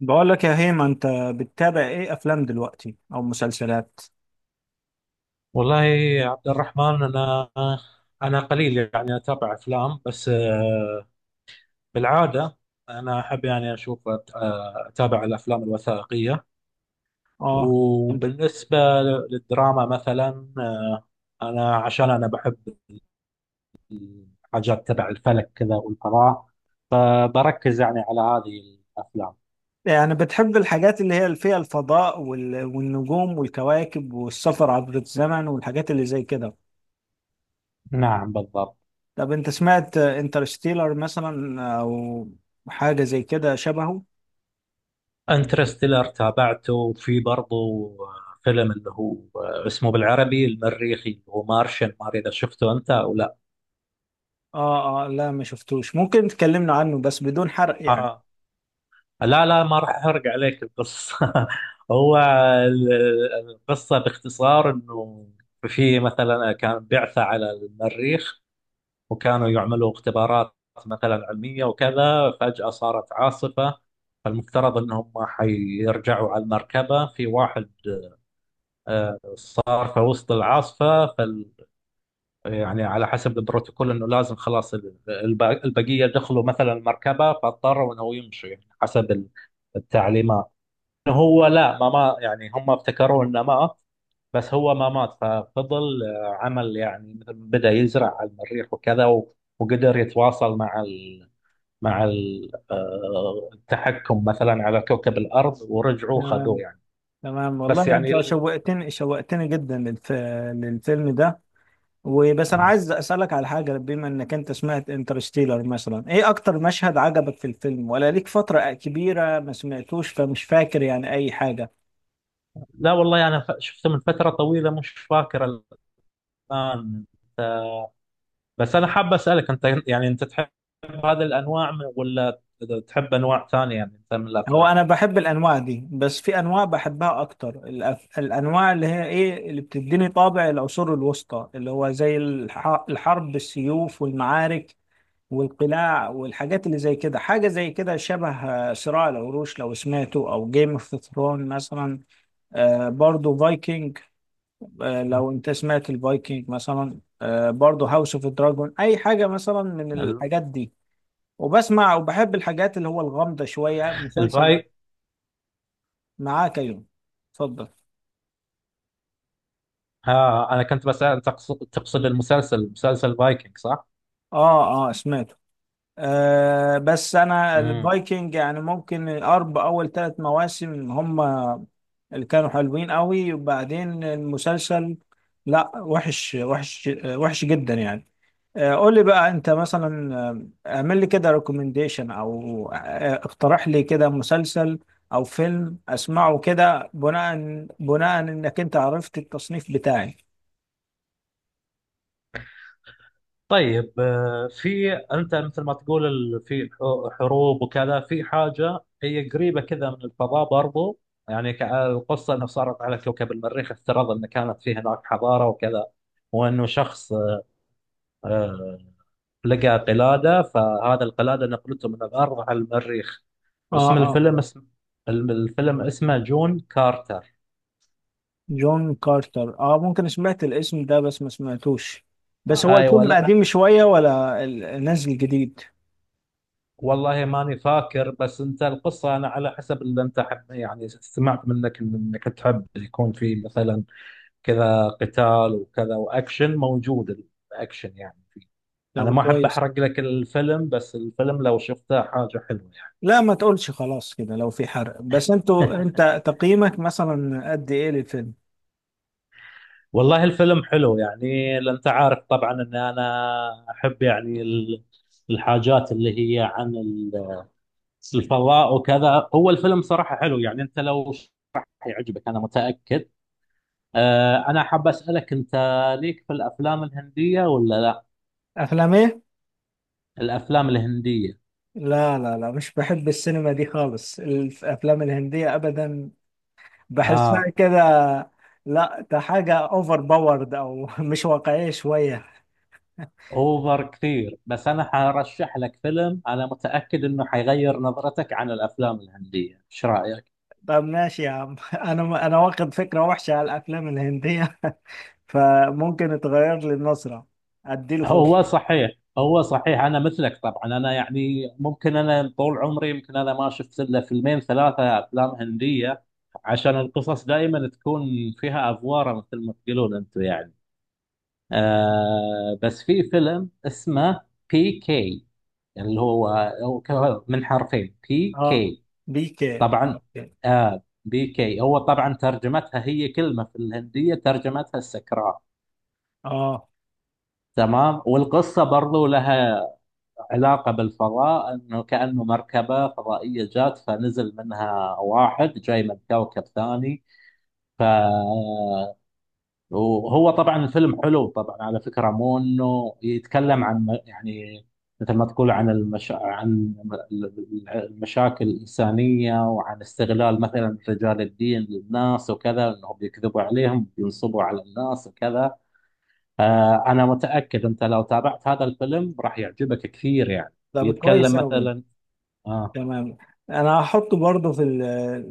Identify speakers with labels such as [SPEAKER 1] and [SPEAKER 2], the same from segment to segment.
[SPEAKER 1] بقول لك يا هيما، انت بتتابع ايه افلام دلوقتي او مسلسلات؟
[SPEAKER 2] والله يا عبد الرحمن، أنا قليل يعني أتابع أفلام، بس بالعادة أنا أحب يعني أشوف، أتابع الأفلام الوثائقية.
[SPEAKER 1] اه،
[SPEAKER 2] وبالنسبة للدراما مثلا، أنا عشان أنا بحب الحاجات تبع الفلك كذا والفضاء، فبركز يعني على هذه الأفلام.
[SPEAKER 1] يعني بتحب الحاجات اللي هي فيها الفضاء والنجوم والكواكب والسفر عبر الزمن والحاجات اللي زي كده؟
[SPEAKER 2] نعم بالضبط.
[SPEAKER 1] طب انت سمعت انترستيلر مثلا او حاجة زي كده شبهه؟
[SPEAKER 2] انترستيلر تابعته، وفي برضه فيلم اللي هو اسمه بالعربي المريخي اللي هو مارشن، ما ادري اذا شفته انت او لا.
[SPEAKER 1] اه، لا ما شفتوش. ممكن تكلمنا عنه بس بدون حرق يعني.
[SPEAKER 2] آه. لا لا، ما راح احرق عليك القصه. هو ال- القصه باختصار انه في مثلا كان بعثه على المريخ، وكانوا يعملوا اختبارات مثلا علميه وكذا، فجاه صارت عاصفه، فالمفترض انهم حيرجعوا على المركبه، في واحد صار في وسط العاصفة. فال يعني على حسب البروتوكول انه لازم خلاص البقية دخلوا مثلا المركبة، فاضطروا انه هو يمشوا يعني حسب التعليمات. إنه هو لا، ما مات، يعني هم ابتكروا انه مات، بس هو ما مات، ففضل عمل يعني مثل، بدأ يزرع على المريخ وكذا، وقدر يتواصل مع ال، مع التحكم مثلا على كوكب الأرض، ورجعوا خذوه
[SPEAKER 1] تمام
[SPEAKER 2] يعني.
[SPEAKER 1] تمام،
[SPEAKER 2] بس
[SPEAKER 1] والله
[SPEAKER 2] يعني
[SPEAKER 1] انت شوقتني شوقتني جدا للفيلم ده. وبس انا عايز اسالك على حاجه، بما انك انت سمعت انترستيلر مثلا، ايه اكتر مشهد عجبك في الفيلم؟ ولا ليك فتره كبيره ما سمعتوش فمش فاكر يعني اي حاجه؟
[SPEAKER 2] لا والله، شفته من فتره طويله، مش فاكر الان. بس انا حاب اسالك انت، يعني انت تحب هذه الانواع ولا تحب انواع ثانيه يعني انت من
[SPEAKER 1] هو
[SPEAKER 2] الافلام
[SPEAKER 1] انا بحب الانواع دي، بس في انواع بحبها اكتر، الانواع اللي هي ايه اللي بتديني طابع العصور الوسطى، اللي هو زي الحرب بالسيوف والمعارك والقلاع والحاجات اللي زي كده. حاجه زي كده شبه صراع العروش لو سمعته، او جيم اوف ثرون مثلا، برضو فايكنج، لو انت سمعت الفايكنج مثلا، برضو هاوس اوف دراجون، اي حاجه مثلا من
[SPEAKER 2] ال-
[SPEAKER 1] الحاجات دي. وبسمع وبحب الحاجات اللي هو الغامضه شويه. مسلسل
[SPEAKER 2] الفاي
[SPEAKER 1] معاك يوم؟ اتفضل.
[SPEAKER 2] ها، انا كنت بسال، تقصد المسلسل مسلسل فايكنج صح؟
[SPEAKER 1] اه، سمعته. آه، بس انا الفايكنج يعني ممكن الارب اول ثلاث مواسم هم اللي كانوا حلوين قوي، وبعدين المسلسل لا، وحش جدا يعني. قول لي بقى انت مثلا، اعمل لي كده ريكومنديشن، او اقترح لي كده مسلسل او فيلم اسمعه كده، بناء انك انت عرفت التصنيف بتاعي.
[SPEAKER 2] طيب، في انت مثل ما تقول في حروب وكذا، في حاجه هي قريبه كذا من الفضاء برضو. يعني القصه انه صارت على كوكب المريخ، افترض ان كانت فيه هناك حضاره وكذا، وانه شخص آه، لقى قلاده، فهذا القلاده نقلته من الارض على المريخ.
[SPEAKER 1] اه
[SPEAKER 2] اسم
[SPEAKER 1] اه
[SPEAKER 2] الفيلم اسم الم- الفيلم اسمه جون كارتر.
[SPEAKER 1] جون كارتر، اه، ممكن سمعت الاسم ده بس ما سمعتوش. بس هو
[SPEAKER 2] ايوه،
[SPEAKER 1] الفيلم قديم شوية ولا نازل جديد؟
[SPEAKER 2] والله ماني فاكر. بس انت القصه انا على حسب اللي انت حب يعني سمعت منك انك تحب يكون في مثلا كذا قتال وكذا، واكشن موجود، الاكشن يعني فيه. انا
[SPEAKER 1] لو
[SPEAKER 2] ما احب
[SPEAKER 1] كويس.
[SPEAKER 2] احرق لك الفيلم، بس الفيلم لو شفته حاجه حلوه يعني.
[SPEAKER 1] لا ما تقولش خلاص كده لو في حرق، بس انت تقييمك مثلا قد ايه للفيلم؟
[SPEAKER 2] والله الفيلم حلو، يعني لأن انت عارف طبعا ان انا احب يعني الحاجات اللي هي عن الفضاء وكذا. هو الفيلم صراحه حلو يعني، انت لو حيعجبك، انا متاكد. أنا حاب أسألك أنت، ليك في الأفلام الهندية ولا لا؟
[SPEAKER 1] افلام ايه؟
[SPEAKER 2] الأفلام الهندية.
[SPEAKER 1] لا لا لا، مش بحب السينما دي خالص، الافلام الهندية ابدا، بحسها
[SPEAKER 2] آه،
[SPEAKER 1] كده. لا ده حاجة اوفر باورد او مش واقعية شوية.
[SPEAKER 2] أوفر كثير، بس أنا حرشح لك فيلم أنا متأكد إنه حيغير نظرتك عن الأفلام الهندية، إيش رأيك؟
[SPEAKER 1] طب ماشي يا عم انا واخد فكرة وحشة على الافلام الهندية فممكن اتغير لي النظرة، اديله
[SPEAKER 2] هو
[SPEAKER 1] فرصة.
[SPEAKER 2] صحيح هو صحيح أنا مثلك طبعا، أنا يعني ممكن، أنا طول عمري يمكن أنا ما شفت إلا فيلمين ثلاثة أفلام هندية، عشان القصص دائما تكون فيها أفوارة مثل ما تقولون أنتم يعني. آه، بس في فيلم اسمه بي كي، اللي هو، هو من حرفين، بي
[SPEAKER 1] اه.
[SPEAKER 2] كي.
[SPEAKER 1] بيكي.
[SPEAKER 2] طبعا.
[SPEAKER 1] اوكي.
[SPEAKER 2] آه، بي كي هو طبعا ترجمتها هي كلمة في الهندية، ترجمتها السكران.
[SPEAKER 1] اه.
[SPEAKER 2] تمام. والقصة برضو لها علاقة بالفضاء، انه كأنه مركبة فضائية جات، فنزل منها واحد جاي من كوكب ثاني. ف، وهو طبعا الفيلم حلو طبعا، على فكرة مو انه يتكلم عن يعني مثل ما تقول عن عن المشاكل الإنسانية، وعن استغلال مثلا رجال الدين للناس وكذا، انهم بيكذبوا عليهم، بينصبوا على الناس وكذا. آه، انا متأكد انت لو تابعت هذا الفيلم راح يعجبك كثير يعني،
[SPEAKER 1] طب
[SPEAKER 2] بيتكلم
[SPEAKER 1] كويس قوي.
[SPEAKER 2] مثلا. آه،
[SPEAKER 1] تمام، انا هحطه برضه في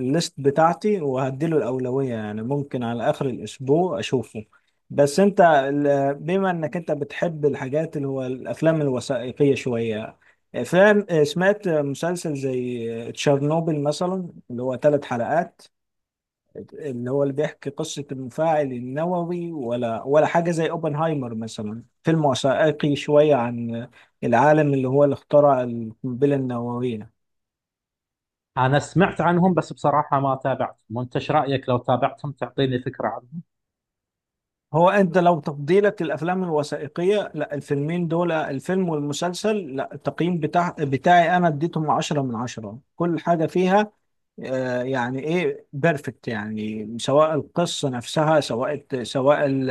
[SPEAKER 1] الليست بتاعتي، وهديله الاولويه يعني ممكن على اخر الاسبوع اشوفه. بس انت بما انك انت بتحب الحاجات اللي هو الافلام الوثائقيه شويه، افلام، سمعت مسلسل زي تشيرنوبل مثلا اللي هو ثلاث حلقات، اللي هو اللي بيحكي قصه المفاعل النووي؟ ولا حاجه زي اوبنهايمر مثلا، فيلم وثائقي شويه عن العالم اللي هو اللي اخترع القنبله النوويه؟
[SPEAKER 2] انا سمعت عنهم بس بصراحة ما تابعتهم، وانت ايش رأيك لو تابعتهم تعطيني فكرة عنهم.
[SPEAKER 1] هو انت لو تفضيلك للافلام الوثائقيه، لا الفيلمين دول الفيلم والمسلسل، لا التقييم بتاعي انا اديتهم 10 من 10. كل حاجه فيها يعني ايه، بيرفكت يعني، سواء القصه نفسها، سواء ال-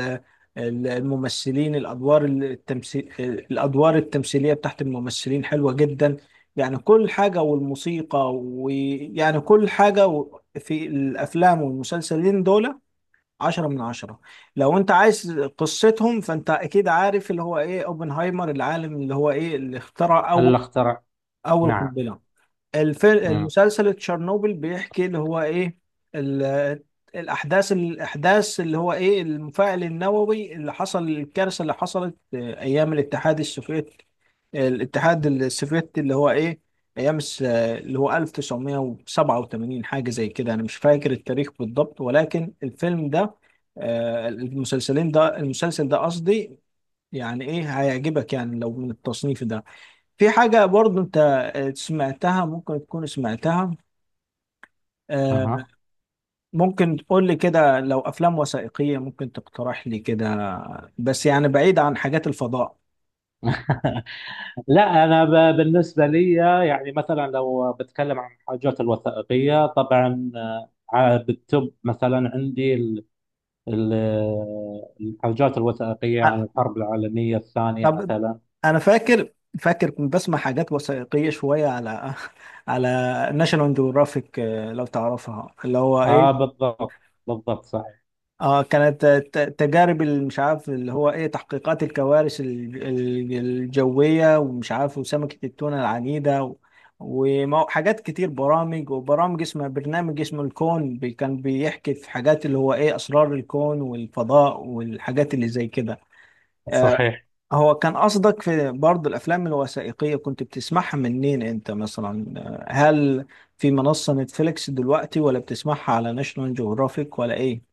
[SPEAKER 1] ال- الممثلين، الادوار الادوار التمثيليه بتاعت الممثلين حلوه جدا يعني، كل حاجه والموسيقى، ويعني كل حاجه في الافلام والمسلسلين دول عشرة من عشرة. لو انت عايز قصتهم، فانت اكيد عارف اللي هو ايه اوبنهايمر، العالم اللي هو ايه اللي اخترع
[SPEAKER 2] الاخترع.
[SPEAKER 1] اول
[SPEAKER 2] نعم.
[SPEAKER 1] قنبلة. الفيلم
[SPEAKER 2] امم.
[SPEAKER 1] المسلسل تشيرنوبل بيحكي اللي هو ايه ال- الاحداث، اللي هو ايه المفاعل النووي اللي حصل، الكارثه اللي حصلت آه، ايام الاتحاد السوفيتي. الاتحاد السوفيتي، اللي هو ايه، ايام اللي هو 1987، حاجه زي كده، انا مش فاكر التاريخ بالضبط. ولكن الفيلم ده، المسلسل ده قصدي، يعني ايه هيعجبك يعني لو من التصنيف ده. في حاجة برضو انت سمعتها، ممكن تكون سمعتها. آه،
[SPEAKER 2] اها.
[SPEAKER 1] ممكن تقول لي كده لو افلام وثائقية ممكن تقترح لي كده، بس يعني بعيد عن حاجات الفضاء.
[SPEAKER 2] لا، انا بالنسبه لي يعني، مثلا لو بتكلم عن الحاجات الوثائقيه، طبعا بالتوب مثلا عندي ال- الحاجات الوثائقيه عن
[SPEAKER 1] آه،
[SPEAKER 2] الحرب العالميه الثانيه
[SPEAKER 1] طب
[SPEAKER 2] مثلا.
[SPEAKER 1] انا فاكر كنت بسمع حاجات وثائقية شوية على على ناشونال جيوغرافيك، لو تعرفها اللي هو
[SPEAKER 2] اه
[SPEAKER 1] ايه.
[SPEAKER 2] بالضبط. بالضبط صحيح
[SPEAKER 1] اه كانت تجارب مش عارف اللي هو ايه، تحقيقات الكوارث الجوية، ومش عارف، وسمكة التونة العنيدة، حاجات كتير، برامج، وبرامج اسمها برنامج اسمه الكون، كان بيحكي في حاجات اللي هو ايه اسرار الكون والفضاء والحاجات اللي زي كده. آه.
[SPEAKER 2] صحيح
[SPEAKER 1] هو كان قصدك في برضه الافلام الوثائقية كنت بتسمعها منين انت مثلا؟ هل في منصة نتفليكس دلوقتي، ولا بتسمعها على ناشونال جيوغرافيك، ولا ايه؟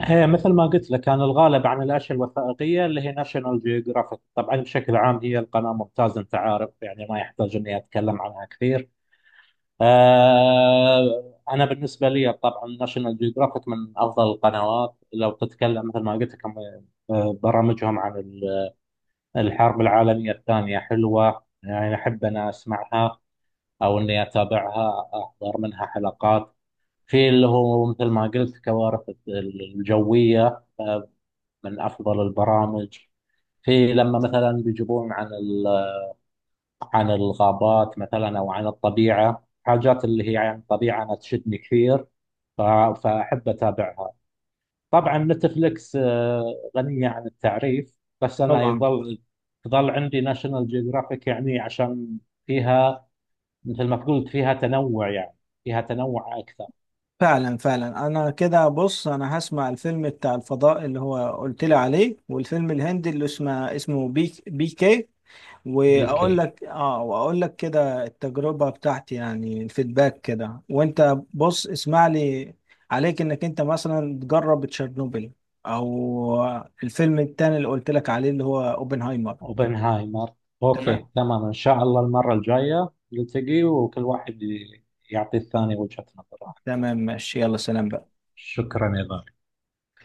[SPEAKER 2] هي مثل ما قلت لك، كان الغالب عن الاشياء الوثائقيه اللي هي ناشونال جيوغرافيك، طبعا بشكل عام هي القناه ممتازه، انت عارف يعني ما يحتاج اني اتكلم عنها كثير. آه، انا بالنسبه لي طبعا ناشونال جيوغرافيك من افضل القنوات، لو تتكلم مثل ما قلت لك عن برامجهم عن الحرب العالميه الثانيه حلوه يعني، احب انا اسمعها او اني اتابعها، احضر منها حلقات. في اللي هو مثل ما قلت كوارث الجويه، من افضل البرامج. في لما مثلا بيجيبون عن عن الغابات مثلا او عن الطبيعه، حاجات اللي هي عن الطبيعه انا تشدني كثير، ف- فاحب اتابعها. طبعا نتفلكس غنيه عن التعريف، بس انا
[SPEAKER 1] طبعا.
[SPEAKER 2] يظل تظل عندي ناشونال جيوغرافيك، يعني عشان فيها مثل ما قلت، فيها تنوع يعني، فيها تنوع اكثر.
[SPEAKER 1] فعلا فعلا، انا كده بص، انا هسمع الفيلم بتاع الفضاء اللي هو قلت لي عليه، والفيلم الهندي اللي اسمه بي بي كي، واقول
[SPEAKER 2] بيكي.
[SPEAKER 1] لك اه، واقول لك كده التجربة بتاعتي يعني الفيدباك كده. وانت بص، اسمع لي، عليك انك انت مثلا تجرب تشيرنوبل، او الفيلم التاني اللي قلت لك عليه اللي هو اوبنهايمر.
[SPEAKER 2] اوبنهايمر. اوكي
[SPEAKER 1] تمام.
[SPEAKER 2] تمام، ان شاء الله المره الجايه نلتقي، وكل واحد يعطي الثاني وجهه نظره.
[SPEAKER 1] تمام ماشي، يلا سلام بقى.
[SPEAKER 2] شكرا يا غالي.